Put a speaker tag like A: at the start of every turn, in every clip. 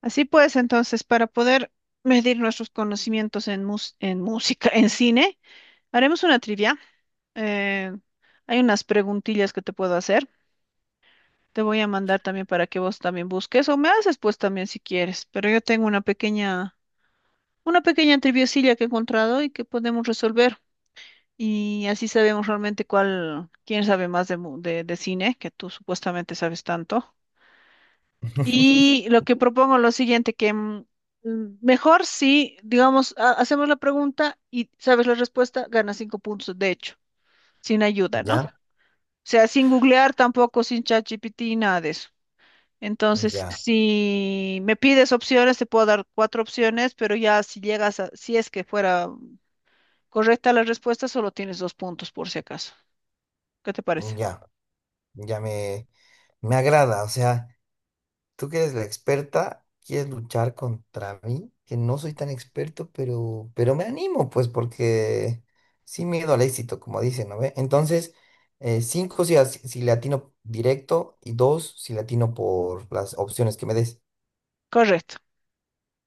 A: Así pues, entonces, para poder medir nuestros conocimientos en, en música, en cine, haremos una trivia. Eh, hay unas preguntillas que te puedo hacer. Te voy a mandar también para que vos también busques o me haces pues también si quieres. Pero yo tengo una pequeña triviacilla que he encontrado y que podemos resolver. Y así sabemos realmente cuál, quién sabe más de, de cine, que tú supuestamente sabes tanto. Y lo que propongo es lo siguiente, que mejor si, digamos, hacemos la pregunta y sabes la respuesta, ganas cinco puntos, de hecho, sin ayuda, ¿no? O
B: Ya,
A: sea, sin googlear tampoco, sin ChatGPT, nada de eso. Entonces,
B: ya,
A: si me pides opciones, te puedo dar cuatro opciones, pero ya si llegas a, si es que fuera correcta la respuesta, solo tienes dos puntos por si acaso. ¿Qué te parece?
B: ya, ya me agrada. O sea, tú que eres la experta, quieres luchar contra mí, que no soy tan experto, pero me animo, pues, porque sin miedo al éxito, como dicen, ¿no ve? Entonces, cinco si le atino directo y dos si le atino por las opciones que me des.
A: Correcto.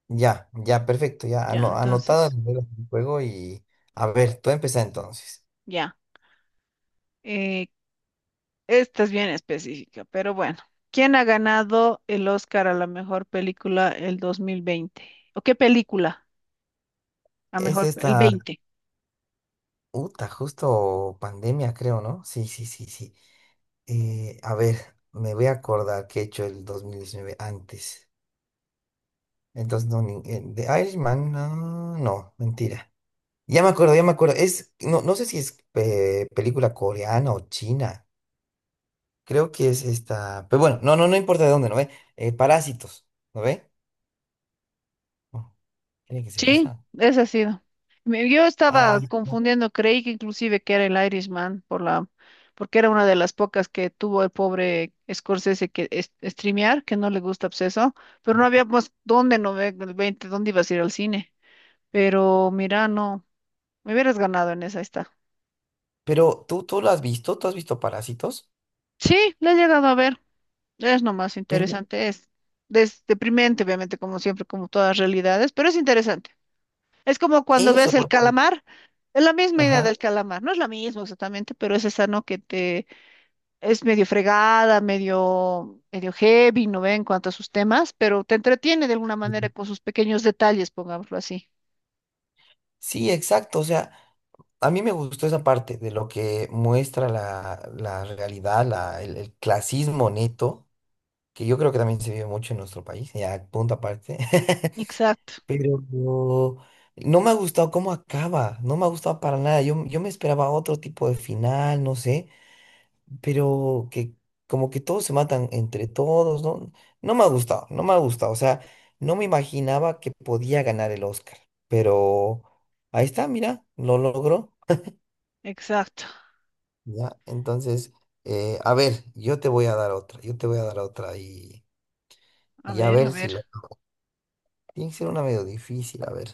B: Ya, ya, perfecto, ya
A: Ya,
B: anotada
A: entonces,
B: las reglas del juego y a ver, tú empieza entonces.
A: ya. Eh, esta es bien específica, pero bueno. ¿Quién ha ganado el Oscar a la mejor película el 2020? ¿O qué película? ¿A
B: Es
A: mejor, el
B: esta.
A: 20?
B: Uta, justo pandemia, creo, ¿no? Sí, sí, sí, sí. A ver, me voy a acordar qué he hecho el 2019 antes. Entonces, no, de Irishman, no, no, mentira. Ya me acuerdo, ya me acuerdo. No, no sé si es película coreana o china. Creo que es esta. Pero bueno, no, no, no importa de dónde, ¿no ve? Parásitos, ¿no ve? No, tiene que ser
A: Sí,
B: esa.
A: esa ha sido. Yo estaba
B: Ay, no.
A: confundiendo, creí que inclusive que era el Irishman por la, porque era una de las pocas que tuvo el pobre Scorsese que streamear, que no le gusta obseso, pero no había más dónde no ve el 20, dónde ibas a ir al cine. Pero mira, no, me hubieras ganado en esa, ahí está.
B: Pero tú lo has visto, tú has visto Parásitos,
A: Sí, la he llegado a ver. Es lo más
B: pero
A: interesante, es, deprimente, obviamente, como siempre, como todas realidades, pero es interesante. Es como cuando
B: eso,
A: ves el
B: porque.
A: calamar, es la misma idea
B: Ajá.
A: del calamar, no es la misma exactamente, pero es esa, ¿no? Que te es medio fregada, medio, medio heavy, ¿no ve? En cuanto a sus temas, pero te entretiene de alguna manera con sus pequeños detalles, pongámoslo así.
B: Sí, exacto. O sea, a mí me gustó esa parte de lo que muestra la realidad, el clasismo neto, que yo creo que también se vive mucho en nuestro país, ya punto aparte.
A: Exacto,
B: Pero no me ha gustado cómo acaba, no me ha gustado para nada. Yo me esperaba otro tipo de final, no sé pero que como que todos se matan entre todos, ¿no? No me ha gustado, no me ha gustado, o sea, no me imaginaba que podía ganar el Oscar, pero ahí está, mira, lo logró,
A: exacto.
B: ¿ya? Entonces, a ver, yo te voy a dar otra, yo te voy a dar otra y,
A: A
B: y a
A: ver, a
B: ver si
A: ver.
B: la... Tiene que ser una medio difícil, a ver.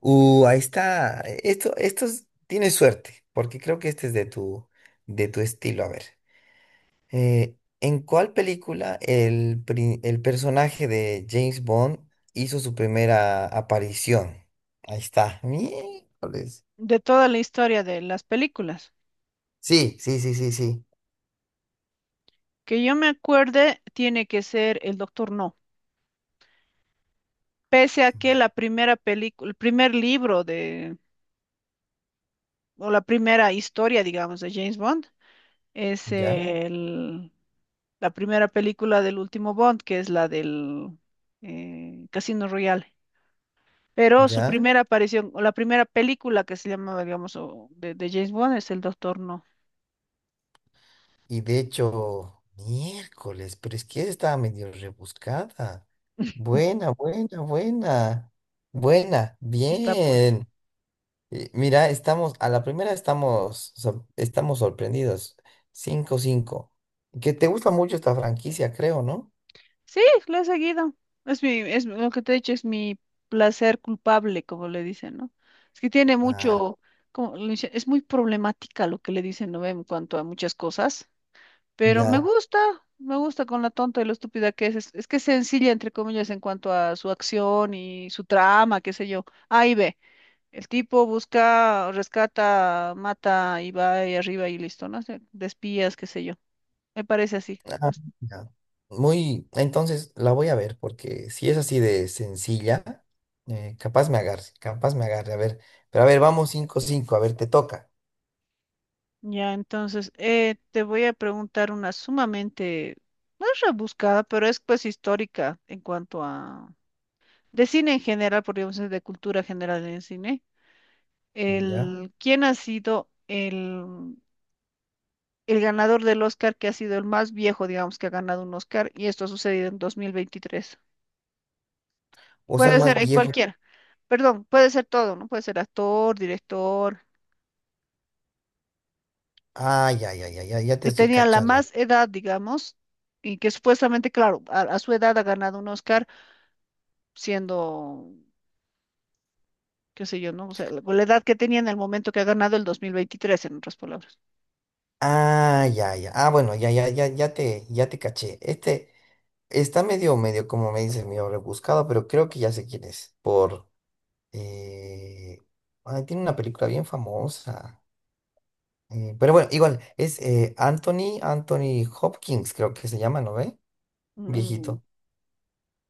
B: Ahí está, esto, tienes suerte, porque creo que este es de tu estilo, a ver. ¿En cuál película el personaje de James Bond hizo su primera aparición? Ahí está. Miércoles.
A: De toda la historia de las películas,
B: Sí, sí, sí, sí, sí.
A: que yo me acuerde, tiene que ser el Doctor No. Pese a que la primera película, el primer libro de, o la primera historia, digamos, de James Bond es
B: Ya,
A: el- la primera película del último Bond, que es la del Casino Royale. Pero su
B: ya.
A: primera aparición, o la primera película que se llamaba, digamos, o de James Bond es El Doctor No.
B: Y de hecho, miércoles, pero es que estaba medio rebuscada. Buena, buena, buena. Buena,
A: Está pues.
B: bien. Mira, estamos, a la primera estamos, estamos sorprendidos. 5-5. Que te gusta mucho esta franquicia, creo, ¿no?
A: Sí, lo he seguido. Es mi, es lo que te he dicho, es mi placer culpable, como le dicen, ¿no? Es que tiene
B: Ah,
A: mucho, es muy problemática lo que le dicen, ¿no? En cuanto a muchas cosas, pero
B: ya.
A: me gusta con la tonta y lo estúpida que es. Es que es sencilla, entre comillas, en cuanto a su acción y su trama, qué sé yo. Ahí ve, el tipo busca, rescata, mata y va ahí arriba y listo, ¿no? O sea, de espías, qué sé yo. Me parece así.
B: Ah, ya. Entonces la voy a ver, porque si es así de sencilla, capaz me agarre, capaz me agarre. A ver, pero a ver, vamos 5-5, a ver, te toca.
A: Ya, entonces, te voy a preguntar una sumamente, no es rebuscada, pero es pues histórica en cuanto a, de cine en general, podríamos decir, de cultura general en el cine.
B: Ya.
A: El, ¿quién ha sido el ganador del Oscar que ha sido el más viejo, digamos, que ha ganado un Oscar? Y esto ha sucedido en dos mil veintitrés.
B: O sea, el
A: Puede ser
B: más
A: en
B: viejo.
A: cualquiera, perdón, puede ser todo, ¿no? Puede ser actor, director,
B: Ay, ay, ay, ay, ay, ya te
A: que
B: estoy
A: tenía la
B: cachando.
A: más edad, digamos, y que supuestamente, claro, a su edad ha ganado un Oscar siendo, qué sé yo, ¿no? O sea, la edad que tenía en el momento que ha ganado el 2023, en otras palabras.
B: Ah, ya, ya. Ah, bueno, ya, ya, ya, ya te caché. Este está medio, medio, como me dices, medio rebuscado, pero creo que ya sé quién es. Por. Eh, ay, tiene una película bien famosa. Pero bueno, igual, es Anthony Hopkins, creo que se llama, ¿no ve?
A: Mm,
B: Viejito.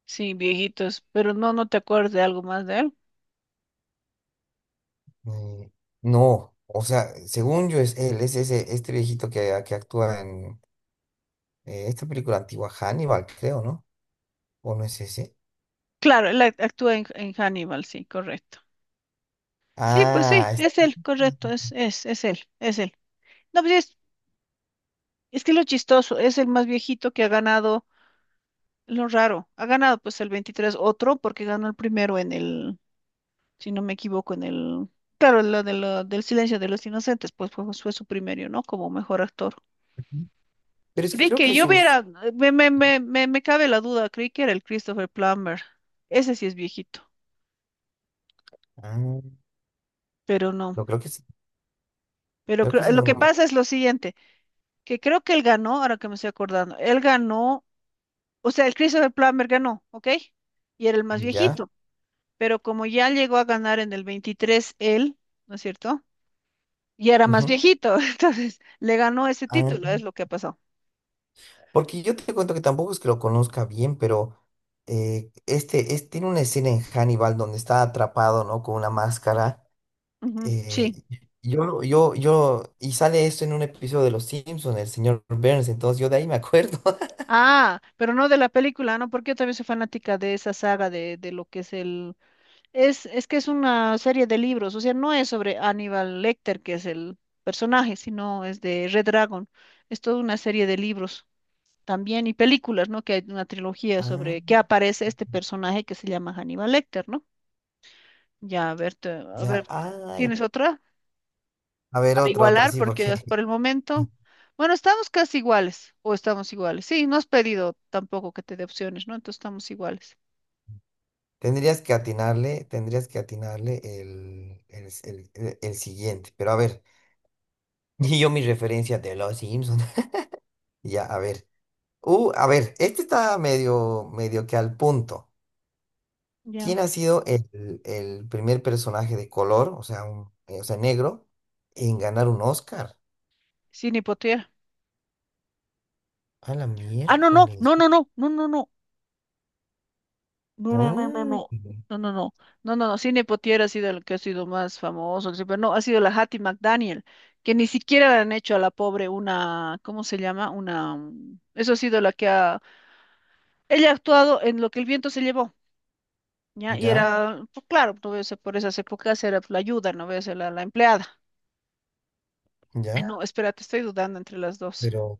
A: sí, viejitos, pero no, no te acuerdas de algo más de él.
B: Eh, no, o sea, según yo es él, es ese, este viejito que actúa en esta película antigua, Hannibal, creo, ¿no? ¿O no es ese?
A: Claro, él actúa en Hannibal, sí, correcto. Sí, pues sí,
B: Ah, es.
A: es él, correcto, es él, es él. No, pues es que lo chistoso, es el más viejito que ha ganado, lo raro, ha ganado pues el 23 otro porque ganó el primero en el, si no me equivoco, en el, claro, lo de del silencio de los inocentes, pues fue, fue su primero, ¿no? Como mejor actor.
B: Pero es que
A: Creí
B: creo
A: que
B: que
A: yo
B: sus...
A: hubiera, me cabe la duda, creí que era el Christopher Plummer. Ese sí es viejito,
B: Ah, no,
A: pero no.
B: creo que sí,
A: Pero
B: creo que
A: creo,
B: sí,
A: lo
B: no
A: que
B: lo vi.
A: pasa es lo siguiente, que creo que él ganó, ahora que me estoy acordando, él ganó, o sea, el Christopher Plummer ganó, ¿ok? Y era el más
B: ¿Ya?
A: viejito, pero como ya llegó a ganar en el 23 él, ¿no es cierto? Y era más
B: Ujú.
A: viejito, entonces le ganó ese
B: Ah,
A: título, es lo que ha pasado.
B: porque yo te cuento que tampoco es que lo conozca bien, pero este, tiene una escena en Hannibal donde está atrapado, ¿no? Con una máscara.
A: Ujú,
B: eh,
A: sí.
B: y yo, lo- yo, y sale esto en un episodio de Los Simpsons, el señor Burns, entonces yo de ahí me acuerdo.
A: Ah, pero no de la película, ¿no? Porque yo también soy fanática de esa saga de lo que es el, es que es una serie de libros, o sea, no es sobre Aníbal Lecter, que es el personaje, sino es de Red Dragon. Es toda una serie de libros también y películas, ¿no? Que hay una trilogía sobre que
B: Ah,
A: aparece este personaje que se llama Aníbal Lecter, ¿no? Ya, a ver, a
B: ya,
A: ver,
B: ay.
A: ¿tienes otra?
B: A ver,
A: Para
B: otra, otra,
A: igualar,
B: sí,
A: porque
B: porque...
A: es por el momento, bueno, estamos casi iguales, o estamos iguales. Sí, no has pedido tampoco que te dé opciones, ¿no? Entonces estamos iguales.
B: Tendrías que atinarle el siguiente. Pero a ver, y yo mi referencia de los Simpsons. Ya, a ver. A ver, este está medio, medio que al punto.
A: Ya,
B: ¿Quién ha sido el primer personaje de color, o sea, o sea, negro, en ganar un Oscar?
A: sin hipoteca.
B: A la
A: Ah, no, no,
B: miércoles.
A: no, no, no, no, no, no. No, no, no, no,
B: Mm,
A: no. No, no, no. No, no, no. Sidney Poitier ha sido el que ha sido más famoso, que sí. Pero no, ha sido la Hattie McDaniel, que ni siquiera le han hecho a la pobre una, ¿cómo se llama? Una, eso ha sido la que ha. Ella ha actuado en lo que el viento se llevó, ¿ya? Y
B: ya,
A: era, pues, claro, no voy a ser por esas épocas era la ayuda, no voy a ser la, la empleada. Ay,
B: ya.
A: no, espérate, estoy dudando entre las dos.
B: Pero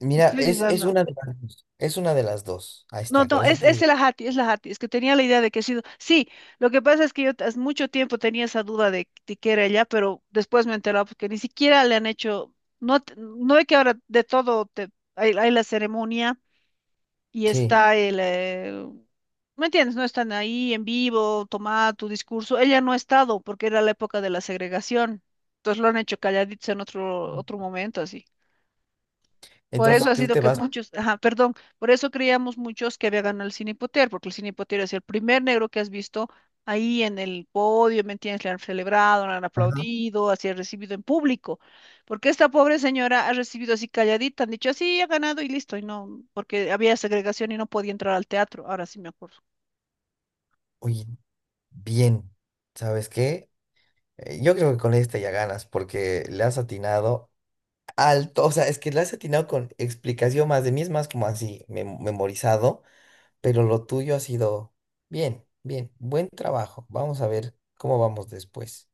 B: mira,
A: Estoy
B: es
A: dudando.
B: una de las dos. Es una de las dos. Ahí
A: No,
B: está,
A: no,
B: con eso te
A: es
B: digo.
A: el ajati, es la ajati, es que tenía la idea de que ha sido. Sí, lo que pasa es que yo hace mucho tiempo tenía esa duda de que era ella, pero después me he enterado porque ni siquiera le han hecho, no, no es que ahora de todo te, hay la ceremonia y
B: Sí.
A: está el, ¿me entiendes? No están ahí en vivo, toma tu discurso. Ella no ha estado porque era la época de la segregación, entonces lo han hecho calladitos en otro, otro momento, así. Por eso
B: Entonces
A: ha
B: tú
A: sido
B: te
A: que
B: vas.
A: muchos, ajá, perdón, por eso creíamos muchos que había ganado el Cine Potter, porque el Cine Potter es el primer negro que has visto ahí en el podio, ¿me entiendes? Le han celebrado, le han
B: Ajá.
A: aplaudido, así ha recibido en público, porque esta pobre señora ha recibido así calladita, han dicho así, ha ganado y listo, y no, porque había segregación y no podía entrar al teatro, ahora sí me acuerdo.
B: Oye, bien, ¿sabes qué? Yo creo que con esta ya ganas, porque le has atinado alto, o sea, es que le has atinado con explicación más de mí, es más como así, memorizado, pero lo tuyo ha sido bien, bien, buen trabajo. Vamos a ver cómo vamos después.